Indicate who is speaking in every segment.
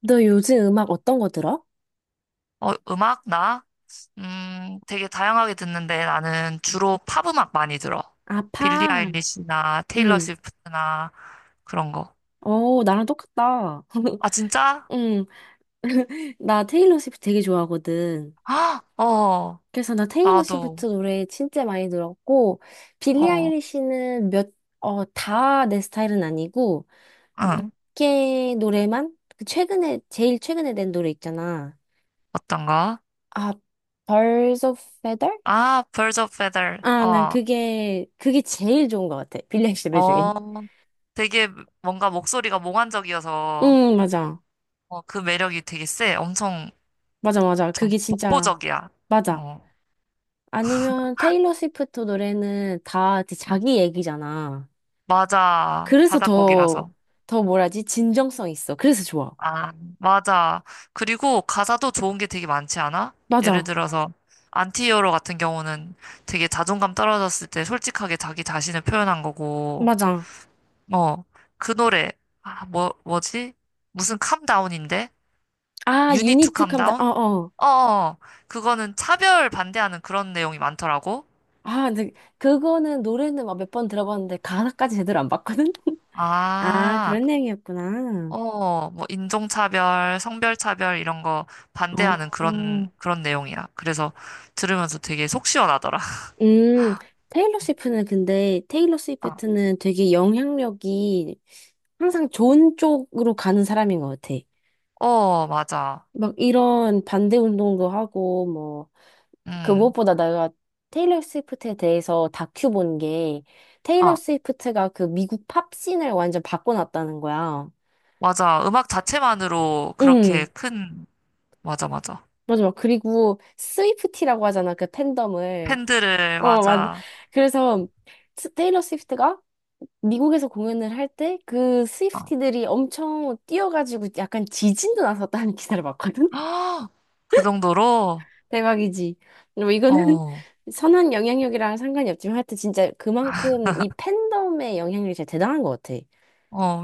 Speaker 1: 너 요즘 음악 어떤 거 들어?
Speaker 2: 어, 음악, 나? 되게 다양하게 듣는데 나는 주로 팝 음악 많이 들어.
Speaker 1: 아,
Speaker 2: 빌리
Speaker 1: 팝.
Speaker 2: 아일리시나 테일러
Speaker 1: 응.
Speaker 2: 스위프트나 그런 거.
Speaker 1: 어, 나랑 똑같다.
Speaker 2: 아, 진짜?
Speaker 1: 응. 나 테일러 스위프트 되게 좋아하거든.
Speaker 2: 아, 어,
Speaker 1: 그래서 나 테일러
Speaker 2: 나도,
Speaker 1: 스위프트 노래 진짜 많이 들었고, 빌리
Speaker 2: 어,
Speaker 1: 아일리시는 다 내 스타일은 아니고,
Speaker 2: 응.
Speaker 1: 걔 노래만? 제일 최근에 낸 노래 있잖아.
Speaker 2: 어떤 가
Speaker 1: 아, Birds of Feather?
Speaker 2: 아, Birds of Feather.
Speaker 1: 아, 난
Speaker 2: 어,
Speaker 1: 그게 제일 좋은 것 같아. 빌리 아일리시 노래 중에.
Speaker 2: 어, 되게 뭔가 목소리가 몽환적이어서
Speaker 1: 응, 맞아.
Speaker 2: 어, 그 매력이 되게 세. 엄청
Speaker 1: 맞아, 맞아.
Speaker 2: 좀
Speaker 1: 그게 진짜,
Speaker 2: 독보적이야.
Speaker 1: 맞아.
Speaker 2: 어,
Speaker 1: 아니면 테일러 스위프트 노래는 다 이제 자기 얘기잖아.
Speaker 2: 맞아.
Speaker 1: 그래서 더,
Speaker 2: 자작곡이라서.
Speaker 1: 더 뭐라지? 진정성 있어. 그래서 좋아.
Speaker 2: 아, 맞아. 그리고 가사도 좋은 게 되게 많지 않아? 예를
Speaker 1: 맞아.
Speaker 2: 들어서 안티히어로 같은 경우는 되게 자존감 떨어졌을 때 솔직하게 자기 자신을 표현한 거고,
Speaker 1: 맞아.
Speaker 2: 어, 그 노래, 아, 뭐지? 무슨 캄다운인데?
Speaker 1: 아,
Speaker 2: You need to
Speaker 1: 유니트
Speaker 2: calm
Speaker 1: 캄다. 어,
Speaker 2: down?
Speaker 1: 어.
Speaker 2: 어, 어. 그거는 차별 반대하는 그런 내용이 많더라고.
Speaker 1: 아, 근데 그거는 노래는 막 몇 번 들어봤는데 가사까지 제대로 안 봤거든? 아,
Speaker 2: 아,
Speaker 1: 그런 내용이었구나.
Speaker 2: 어, 뭐 인종차별, 성별차별 이런 거 반대하는
Speaker 1: 어.
Speaker 2: 그런 내용이야. 그래서 들으면서 되게 속 시원하더라.
Speaker 1: 음, 테일러
Speaker 2: 아,
Speaker 1: 스위프트는 되게 영향력이 항상 좋은 쪽으로 가는 사람인 것 같아.
Speaker 2: 어, 맞아.
Speaker 1: 막 이런 반대 운동도 하고 뭐 그
Speaker 2: 음,
Speaker 1: 무엇보다 내가 테일러 스위프트에 대해서 다큐 본 게 테일러
Speaker 2: 아,
Speaker 1: 스위프트가 그 미국 팝씬을 완전 바꿔놨다는 거야.
Speaker 2: 맞아. 음악 자체만으로 그렇게
Speaker 1: 응,
Speaker 2: 큰, 맞아, 맞아.
Speaker 1: 맞아. 막 그리고 스위프티라고 하잖아. 그 팬덤을.
Speaker 2: 팬들을,
Speaker 1: 어, 맞.
Speaker 2: 맞아.
Speaker 1: 그래서 테일러 스위프트가 미국에서 공연을 할 때 그
Speaker 2: 아,
Speaker 1: 스위프티들이 엄청 뛰어가지고 약간 지진도 났었다는 기사를 봤거든.
Speaker 2: 그 정도로?
Speaker 1: 대박이지. 뭐
Speaker 2: 어,
Speaker 1: 이거는
Speaker 2: 어,
Speaker 1: 선한 영향력이랑 상관이 없지만 하여튼 진짜 그만큼 이 팬덤의 영향력이 진짜 대단한 것 같아.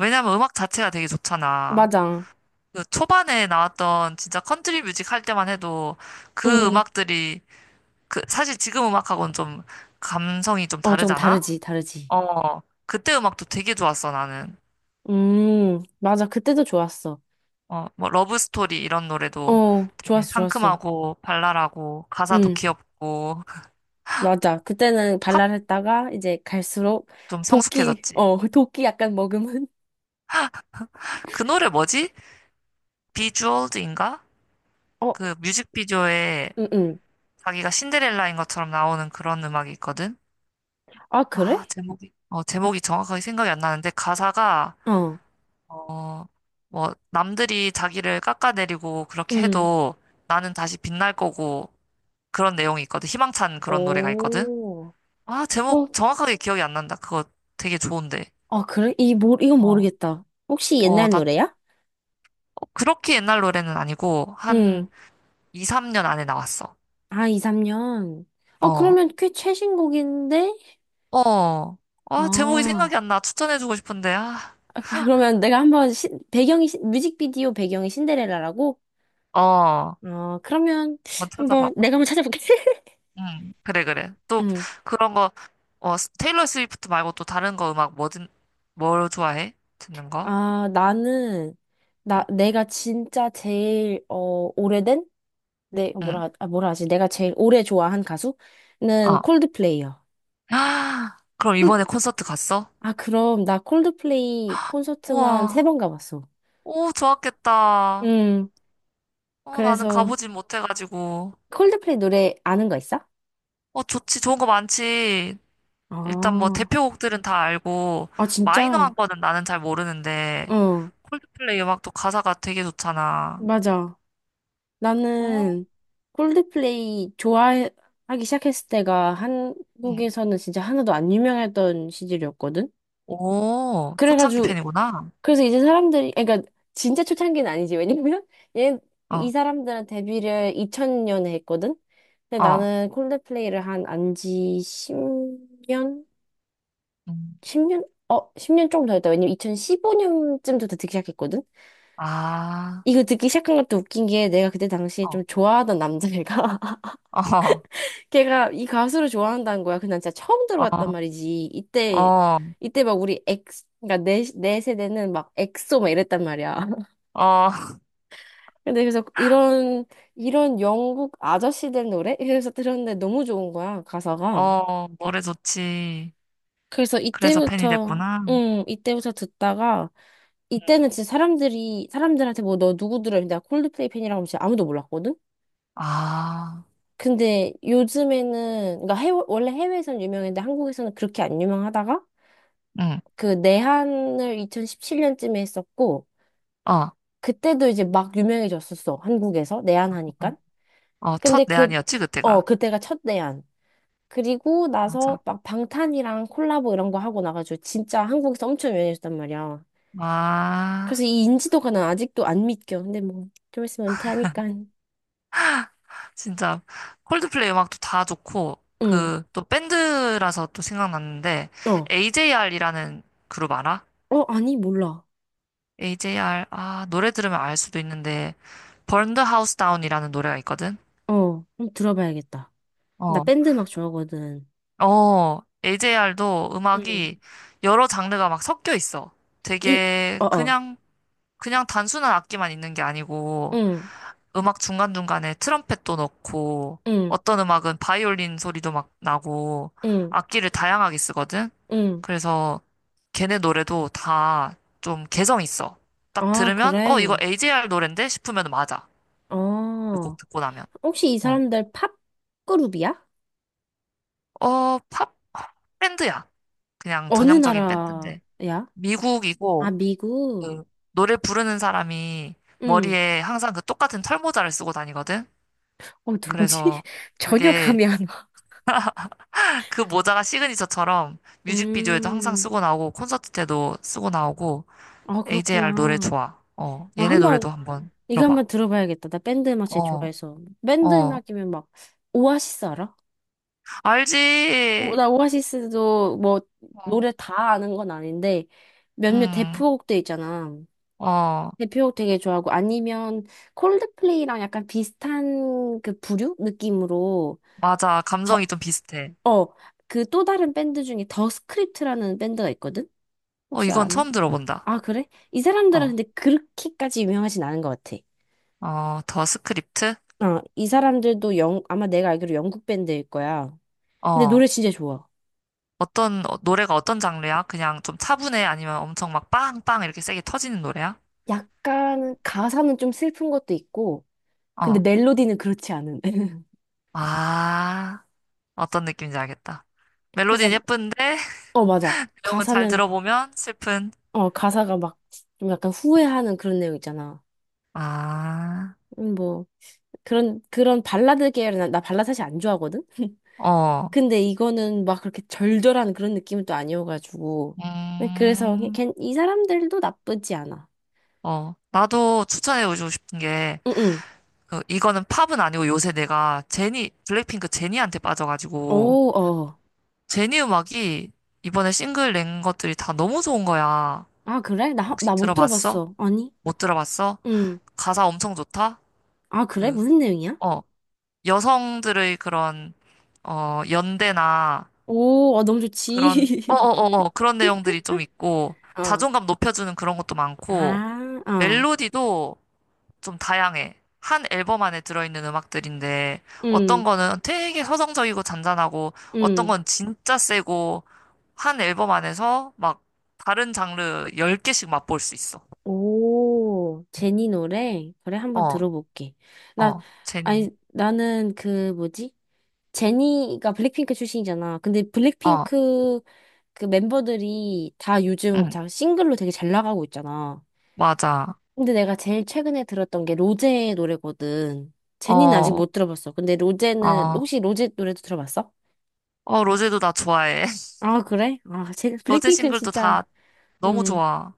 Speaker 2: 왜냐면 음악 자체가 되게 좋잖아.
Speaker 1: 맞아.
Speaker 2: 그 초반에 나왔던 진짜 컨트리 뮤직 할 때만 해도 그
Speaker 1: 음.
Speaker 2: 음악들이, 그, 사실 지금 음악하고는 좀 감성이 좀
Speaker 1: 어, 좀
Speaker 2: 다르잖아?
Speaker 1: 다르지, 다르지.
Speaker 2: 어, 그때 음악도 되게 좋았어, 나는.
Speaker 1: 맞아. 그때도 좋았어.
Speaker 2: 어, 뭐 러브 스토리 이런 노래도
Speaker 1: 어,
Speaker 2: 되게
Speaker 1: 좋았어, 좋았어.
Speaker 2: 상큼하고 발랄하고 가사도
Speaker 1: 음,
Speaker 2: 귀엽고
Speaker 1: 맞아. 그때는
Speaker 2: 팝
Speaker 1: 발랄했다가 이제 갈수록
Speaker 2: 좀
Speaker 1: 도끼,
Speaker 2: 성숙해졌지.
Speaker 1: 어, 도끼 약간 먹으면.
Speaker 2: 그 노래 뭐지? 비주얼즈인가?
Speaker 1: 어,
Speaker 2: 그 뮤직비디오에
Speaker 1: 음, 음.
Speaker 2: 자기가 신데렐라인 것처럼 나오는 그런 음악이 있거든.
Speaker 1: 아,
Speaker 2: 아,
Speaker 1: 그래?
Speaker 2: 제목이 어, 제목이 정확하게 생각이 안 나는데 가사가
Speaker 1: 어,
Speaker 2: 어, 뭐 남들이 자기를 깎아내리고 그렇게
Speaker 1: 음.
Speaker 2: 해도 나는 다시 빛날 거고 그런 내용이 있거든. 희망찬 그런 노래가 있거든.
Speaker 1: 오.
Speaker 2: 아,
Speaker 1: 어,
Speaker 2: 제목 정확하게 기억이 안 난다. 그거 되게 좋은데.
Speaker 1: 아, 그래? 이건
Speaker 2: 어,
Speaker 1: 모르겠다. 혹시
Speaker 2: 어,
Speaker 1: 옛날
Speaker 2: 나
Speaker 1: 노래야?
Speaker 2: 그렇게 옛날 노래는 아니고, 한
Speaker 1: 응.
Speaker 2: 2, 3년 안에 나왔어.
Speaker 1: 아, 2, 3년. 어,
Speaker 2: 어,
Speaker 1: 그러면 꽤 최신곡인데?
Speaker 2: 어. 아, 제목이 생각이
Speaker 1: 아,
Speaker 2: 안 나. 추천해주고 싶은데, 아.
Speaker 1: 그러면 내가 한번 뮤직비디오 배경이 신데렐라라고?
Speaker 2: 어,
Speaker 1: 어, 그러면
Speaker 2: 한번 찾아봐봐.
Speaker 1: 한번 내가 한번 찾아볼게.
Speaker 2: 응, 그래, 그래. 또,
Speaker 1: 응.
Speaker 2: 그런 거, 어, 스- 테일러 스위프트 말고 또 다른 거 음악 뭐든, 뭘 좋아해? 듣는 거?
Speaker 1: 아,
Speaker 2: 응,
Speaker 1: 내가 진짜 제일, 어, 오래된? 내, 뭐라,
Speaker 2: 응,
Speaker 1: 하- 아, 뭐라 하지? 내가 제일 오래 좋아한 가수는
Speaker 2: 어.
Speaker 1: 콜드플레이요.
Speaker 2: 아, 그럼 이번에
Speaker 1: 콜-
Speaker 2: 콘서트 갔어?
Speaker 1: 아, 그럼 나 콜드플레이 콘서트만 세
Speaker 2: 우와,
Speaker 1: 번 가봤어.
Speaker 2: 오, 좋았겠다.
Speaker 1: 음,
Speaker 2: 어, 나는
Speaker 1: 그래서
Speaker 2: 가보진 못해가지고.
Speaker 1: 콜드플레이 노래 아는 거 있어?
Speaker 2: 어, 좋지. 좋은 거 많지. 일단 뭐
Speaker 1: 아,
Speaker 2: 대표곡들은 다 알고,
Speaker 1: 아,
Speaker 2: 마이너한
Speaker 1: 진짜?
Speaker 2: 거는 나는 잘 모르는데,
Speaker 1: 어,
Speaker 2: 콜드플레이 음악도 가사가 되게 좋잖아.
Speaker 1: 맞아.
Speaker 2: 어?
Speaker 1: 나는 콜드플레이 좋아하기 시작했을 때가
Speaker 2: 응.
Speaker 1: 한국에서는 진짜 하나도 안 유명했던 시절이었거든?
Speaker 2: 오, 초창기
Speaker 1: 그래가지고,
Speaker 2: 팬이구나.
Speaker 1: 그래서 이제 사람들이, 그러니까 진짜 초창기는 아니지. 왜냐면, 얘, 이
Speaker 2: 어,
Speaker 1: 사람들은 데뷔를 2000년에 했거든? 근데
Speaker 2: 어.
Speaker 1: 나는 콜드플레이를 한 안지 10년?
Speaker 2: 음.
Speaker 1: 10년? 어, 10년 조금 더 했다. 왜냐면 2015년쯤부터 듣기 시작했거든?
Speaker 2: 아,
Speaker 1: 이거 듣기 시작한 것도 웃긴 게 내가 그때 당시에 좀
Speaker 2: 어,
Speaker 1: 좋아하던 남자애가
Speaker 2: 어,
Speaker 1: 걔가 이 가수를 좋아한다는 거야. 근데 난 진짜 처음
Speaker 2: 어,
Speaker 1: 들어봤단 말이지. 이때
Speaker 2: 어,
Speaker 1: 이때 막 우리 엑 그러니까 내 세대는 막 엑소 막 이랬단 말이야.
Speaker 2: 어,
Speaker 1: 근데 그래서 이런 영국 아저씨들 노래? 그래서 들었는데 너무 좋은 거야, 가사가.
Speaker 2: 어, 노래 좋지.
Speaker 1: 그래서
Speaker 2: 그래서 팬이
Speaker 1: 이때부터
Speaker 2: 됐구나.
Speaker 1: 음, 이때부터 듣다가
Speaker 2: 응.
Speaker 1: 이때는 진짜 사람들이 사람들한테 뭐 너 누구 들어? 내가 콜드플레이 팬이라고 하면 진짜 아무도 몰랐거든.
Speaker 2: 아,
Speaker 1: 근데 요즘에는, 그러니까 원래 해외에서는 유명했는데 한국에서는 그렇게 안 유명하다가
Speaker 2: 응,
Speaker 1: 그 내한을 2017년쯤에 했었고,
Speaker 2: 어,
Speaker 1: 그때도 이제 막 유명해졌었어. 한국에서. 내한하니까.
Speaker 2: 어,
Speaker 1: 근데
Speaker 2: 첫 내한이었지, 그때가.
Speaker 1: 그때가 첫 내한. 그리고
Speaker 2: 맞아.
Speaker 1: 나서 막 방탄이랑 콜라보 이런 거 하고 나가지고 진짜 한국에서 엄청 유명해졌단 말이야.
Speaker 2: 아.
Speaker 1: 그래서 이 인지도가 난 아직도 안 믿겨. 근데 뭐, 좀 있으면 은퇴하니까.
Speaker 2: 진짜 콜드플레이 음악도 다 좋고
Speaker 1: 응.
Speaker 2: 그 또 밴드라서 또 생각났는데
Speaker 1: 어.
Speaker 2: AJR이라는 그룹 알아?
Speaker 1: 어, 아니, 몰라.
Speaker 2: AJR 아 노래 들으면 알 수도 있는데 Burn the House Down이라는 노래가 있거든.
Speaker 1: 어. 한번 들어봐야겠다. 나
Speaker 2: 어.
Speaker 1: 밴드 음악 좋아하거든.
Speaker 2: 어, AJR도
Speaker 1: 응.
Speaker 2: 음악이 여러 장르가 막 섞여 있어.
Speaker 1: 이,
Speaker 2: 되게
Speaker 1: 어, 어.
Speaker 2: 그냥 그냥 단순한 악기만 있는 게 아니고
Speaker 1: 응,
Speaker 2: 음악 중간중간에 트럼펫도 넣고,
Speaker 1: 응,
Speaker 2: 어떤 음악은 바이올린 소리도 막 나고,
Speaker 1: 응,
Speaker 2: 악기를 다양하게 쓰거든?
Speaker 1: 응.
Speaker 2: 그래서 걔네 노래도 다 좀 개성 있어. 딱
Speaker 1: 아,
Speaker 2: 들으면,
Speaker 1: 그래.
Speaker 2: 어, 이거 AJR 노랜데? 싶으면 맞아. 그 곡
Speaker 1: 어.
Speaker 2: 듣고 나면.
Speaker 1: 혹시 이
Speaker 2: 어,
Speaker 1: 사람들 팝 그룹이야?
Speaker 2: 어, 팝? 밴드야. 그냥
Speaker 1: 어느
Speaker 2: 전형적인 밴드인데.
Speaker 1: 나라야? 아,
Speaker 2: 미국이고,
Speaker 1: 미국.
Speaker 2: 그, 노래 부르는 사람이
Speaker 1: 응.
Speaker 2: 머리에 항상 그 똑같은 털모자를 쓰고 다니거든?
Speaker 1: 어, 누구지?
Speaker 2: 그래서
Speaker 1: 전혀
Speaker 2: 그게
Speaker 1: 감이 안 와.
Speaker 2: 그 모자가 시그니처처럼 뮤직비디오에도 항상
Speaker 1: 음.
Speaker 2: 쓰고 나오고 콘서트 때도 쓰고 나오고
Speaker 1: 아,
Speaker 2: AJR 노래
Speaker 1: 그렇구나.
Speaker 2: 좋아. 어,
Speaker 1: 아
Speaker 2: 얘네
Speaker 1: 한번,
Speaker 2: 노래도 한번
Speaker 1: 이거
Speaker 2: 들어봐.
Speaker 1: 한번 들어봐야겠다. 나 밴드 음악 제일
Speaker 2: 어,
Speaker 1: 좋아해서. 밴드
Speaker 2: 어,
Speaker 1: 음악이면 막, 오아시스 알아? 오,
Speaker 2: 알지?
Speaker 1: 나 오아시스도 뭐,
Speaker 2: 어,
Speaker 1: 노래 다 아는 건 아닌데, 몇몇
Speaker 2: 음,
Speaker 1: 대표곡들 있잖아.
Speaker 2: 어,
Speaker 1: 대표곡 되게 좋아하고 아니면 콜드플레이랑 약간 비슷한 그 부류 느낌으로
Speaker 2: 맞아.
Speaker 1: 더,
Speaker 2: 감성이 좀 비슷해.
Speaker 1: 어, 그 또 다른 밴드 중에 더 스크립트라는 밴드가 있거든?
Speaker 2: 어,
Speaker 1: 혹시
Speaker 2: 이건
Speaker 1: 아나?
Speaker 2: 처음 들어본다.
Speaker 1: 아, 그래? 이 사람들은
Speaker 2: 어,
Speaker 1: 근데 그렇게까지 유명하진 않은 것 같아.
Speaker 2: 어, 더 스크립트?
Speaker 1: 어, 이 사람들도 아마 내가 알기로 영국 밴드일 거야. 근데
Speaker 2: 어,
Speaker 1: 노래 진짜 좋아.
Speaker 2: 어떤, 어, 노래가 어떤 장르야? 그냥 좀 차분해? 아니면 엄청 막 빵빵 이렇게 세게 터지는 노래야?
Speaker 1: 약간 가사는 좀 슬픈 것도 있고, 근데
Speaker 2: 어,
Speaker 1: 멜로디는 그렇지 않은.
Speaker 2: 아, 어떤 느낌인지 알겠다.
Speaker 1: 그래서,
Speaker 2: 멜로디는 예쁜데
Speaker 1: 어, 맞아.
Speaker 2: 내용은 잘 들어보면 슬픈.
Speaker 1: 가사가 막 좀 약간 후회하는 그런 내용 있잖아.
Speaker 2: 아,
Speaker 1: 뭐 그런 발라드 계열은 나 발라드 사실 안 좋아하거든.
Speaker 2: 어,
Speaker 1: 근데 이거는 막 그렇게 절절한 그런 느낌은 또 아니어가지고 네, 그래서
Speaker 2: 음,
Speaker 1: 이 사람들도 나쁘지 않아.
Speaker 2: 어. 나도 추천해주고 싶은 게,
Speaker 1: 응응.
Speaker 2: 그, 이거는 팝은 아니고 요새 내가 제니, 블랙핑크 제니한테 빠져가지고,
Speaker 1: 오, 어.
Speaker 2: 제니 음악이 이번에 싱글 낸 것들이 다 너무 좋은 거야.
Speaker 1: 아 그래? 나
Speaker 2: 혹시
Speaker 1: 나 못
Speaker 2: 들어봤어?
Speaker 1: 들어봤어. 아니.
Speaker 2: 못 들어봤어?
Speaker 1: 응.
Speaker 2: 가사 엄청 좋다?
Speaker 1: 아 그래?
Speaker 2: 그,
Speaker 1: 무슨 내용이야?
Speaker 2: 어, 여성들의 그런, 어, 연대나,
Speaker 1: 오, 아, 너무
Speaker 2: 그런,
Speaker 1: 좋지.
Speaker 2: 그런 내용들이 좀 있고,
Speaker 1: 어.
Speaker 2: 자존감 높여주는 그런 것도 많고,
Speaker 1: 아, 어.
Speaker 2: 멜로디도 좀 다양해. 한 앨범 안에 들어있는 음악들인데, 어떤
Speaker 1: 응,
Speaker 2: 거는 되게 서정적이고 잔잔하고, 어떤
Speaker 1: 응.
Speaker 2: 건 진짜 세고, 한 앨범 안에서 막 다른 장르 열 개씩 맛볼 수 있어.
Speaker 1: 오, 제니 노래? 그래, 한번
Speaker 2: 어,
Speaker 1: 들어볼게. 나,
Speaker 2: 어, 제니.
Speaker 1: 아니, 나는 그, 뭐지? 제니가 블랙핑크 출신이잖아. 근데
Speaker 2: 어,
Speaker 1: 블랙핑크 그 멤버들이 다 요즘
Speaker 2: 응,
Speaker 1: 다 싱글로 되게 잘 나가고 있잖아.
Speaker 2: 맞아.
Speaker 1: 근데 내가 제일 최근에 들었던 게 로제의 노래거든. 제니는 아직
Speaker 2: 어,
Speaker 1: 못 들어봤어. 근데 로제는
Speaker 2: 어,
Speaker 1: 혹시 로제 노래도 들어봤어?
Speaker 2: 어, 로제도 나 좋아해.
Speaker 1: 아, 그래? 아, 제
Speaker 2: 로제
Speaker 1: 블랙핑크는
Speaker 2: 싱글도
Speaker 1: 진짜
Speaker 2: 다 너무
Speaker 1: 음.
Speaker 2: 좋아.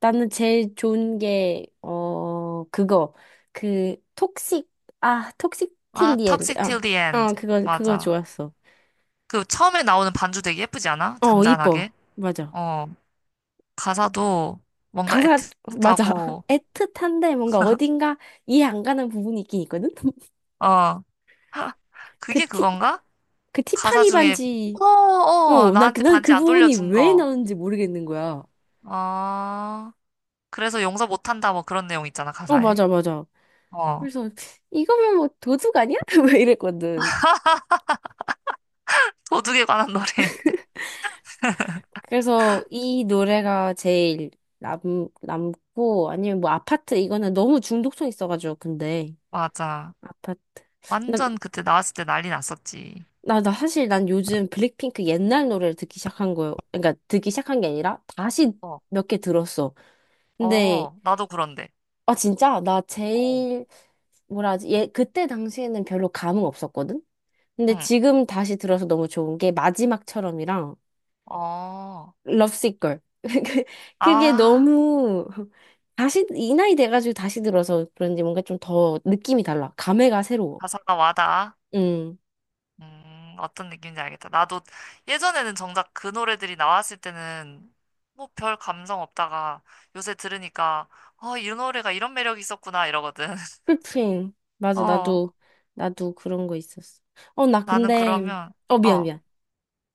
Speaker 1: 나는 제일 좋은 게 어, 그거. 그 톡식 톡식
Speaker 2: 아,
Speaker 1: 틸리엔드.
Speaker 2: Toxic Till
Speaker 1: 아,
Speaker 2: the
Speaker 1: 어,
Speaker 2: End.
Speaker 1: 그거
Speaker 2: 맞아.
Speaker 1: 좋았어.
Speaker 2: 그 처음에 나오는 반주 되게 예쁘지 않아?
Speaker 1: 어, 이뻐.
Speaker 2: 잔잔하게.
Speaker 1: 맞아.
Speaker 2: 어, 가사도 뭔가
Speaker 1: 가사 맞아.
Speaker 2: 애틋하고,
Speaker 1: 애틋한데 뭔가 어딘가 이해 안 가는 부분이 있긴 있거든.
Speaker 2: 어,
Speaker 1: 그
Speaker 2: 그게
Speaker 1: 티,
Speaker 2: 그건가?
Speaker 1: 그
Speaker 2: 가사
Speaker 1: 티파니
Speaker 2: 중에,
Speaker 1: 반지.
Speaker 2: 어, 어,
Speaker 1: 어, 나,
Speaker 2: 나한테
Speaker 1: 난
Speaker 2: 반지
Speaker 1: 그
Speaker 2: 안
Speaker 1: 부분이
Speaker 2: 돌려준
Speaker 1: 왜
Speaker 2: 거.
Speaker 1: 나오는지 모르겠는 거야.
Speaker 2: 어, 그래서 용서 못한다. 뭐 그런 내용 있잖아,
Speaker 1: 어,
Speaker 2: 가사에.
Speaker 1: 맞아, 맞아.
Speaker 2: 어,
Speaker 1: 그래서 이거면 뭐 도둑 아니야? 왜 이랬거든.
Speaker 2: 도둑에 관한 노래.
Speaker 1: 그래서 이 노래가 제일 남, 남고 아니면 뭐 아파트 이거는 너무 중독성 있어가지고 근데
Speaker 2: 맞아.
Speaker 1: 아파트.
Speaker 2: 완전 그때 나왔을 때 난리 났었지.
Speaker 1: 나 사실 난 요즘 블랙핑크 옛날 노래를 듣기 시작한 거예요. 그러니까 듣기 시작한 게 아니라 다시
Speaker 2: 어,
Speaker 1: 몇 개 들었어. 근데,
Speaker 2: 어, 나도 그런데.
Speaker 1: 아, 진짜? 나
Speaker 2: 어.
Speaker 1: 제일, 뭐라 하지? 예, 그때 당시에는 별로 감흥 없었거든? 근데
Speaker 2: 응.
Speaker 1: 지금 다시 들어서 너무 좋은 게 마지막처럼이랑
Speaker 2: 어,
Speaker 1: 럽시c 걸. 그게
Speaker 2: 아,
Speaker 1: 너무, 다시, 이 나이 돼가지고 다시 들어서 그런지 뭔가 좀 더 느낌이 달라. 감회가 새로워.
Speaker 2: 가사가 와닿아.
Speaker 1: 음.
Speaker 2: 어떤 느낌인지 알겠다. 나도 예전에는 정작 그 노래들이 나왔을 때는 뭐 별 감성 없다가 요새 들으니까, 어, 이 노래가 이런 매력이 있었구나 이러거든.
Speaker 1: 풀프림. 맞아,
Speaker 2: 어,
Speaker 1: 나도 그런 거 있었어. 어, 나
Speaker 2: 나는
Speaker 1: 근데,
Speaker 2: 그러면,
Speaker 1: 어, 미안,
Speaker 2: 어,
Speaker 1: 미안.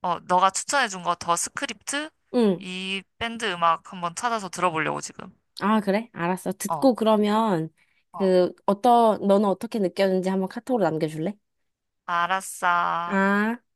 Speaker 2: 어, 너가 추천해준 거 더 스크립트?
Speaker 1: 응.
Speaker 2: 이 밴드 음악 한번 찾아서 들어보려고 지금.
Speaker 1: 아, 그래? 알았어.
Speaker 2: 어,
Speaker 1: 듣고 그러면,
Speaker 2: 어,
Speaker 1: 너는 어떻게 느꼈는지 한번 카톡으로 남겨줄래?
Speaker 2: 알았어.
Speaker 1: 아.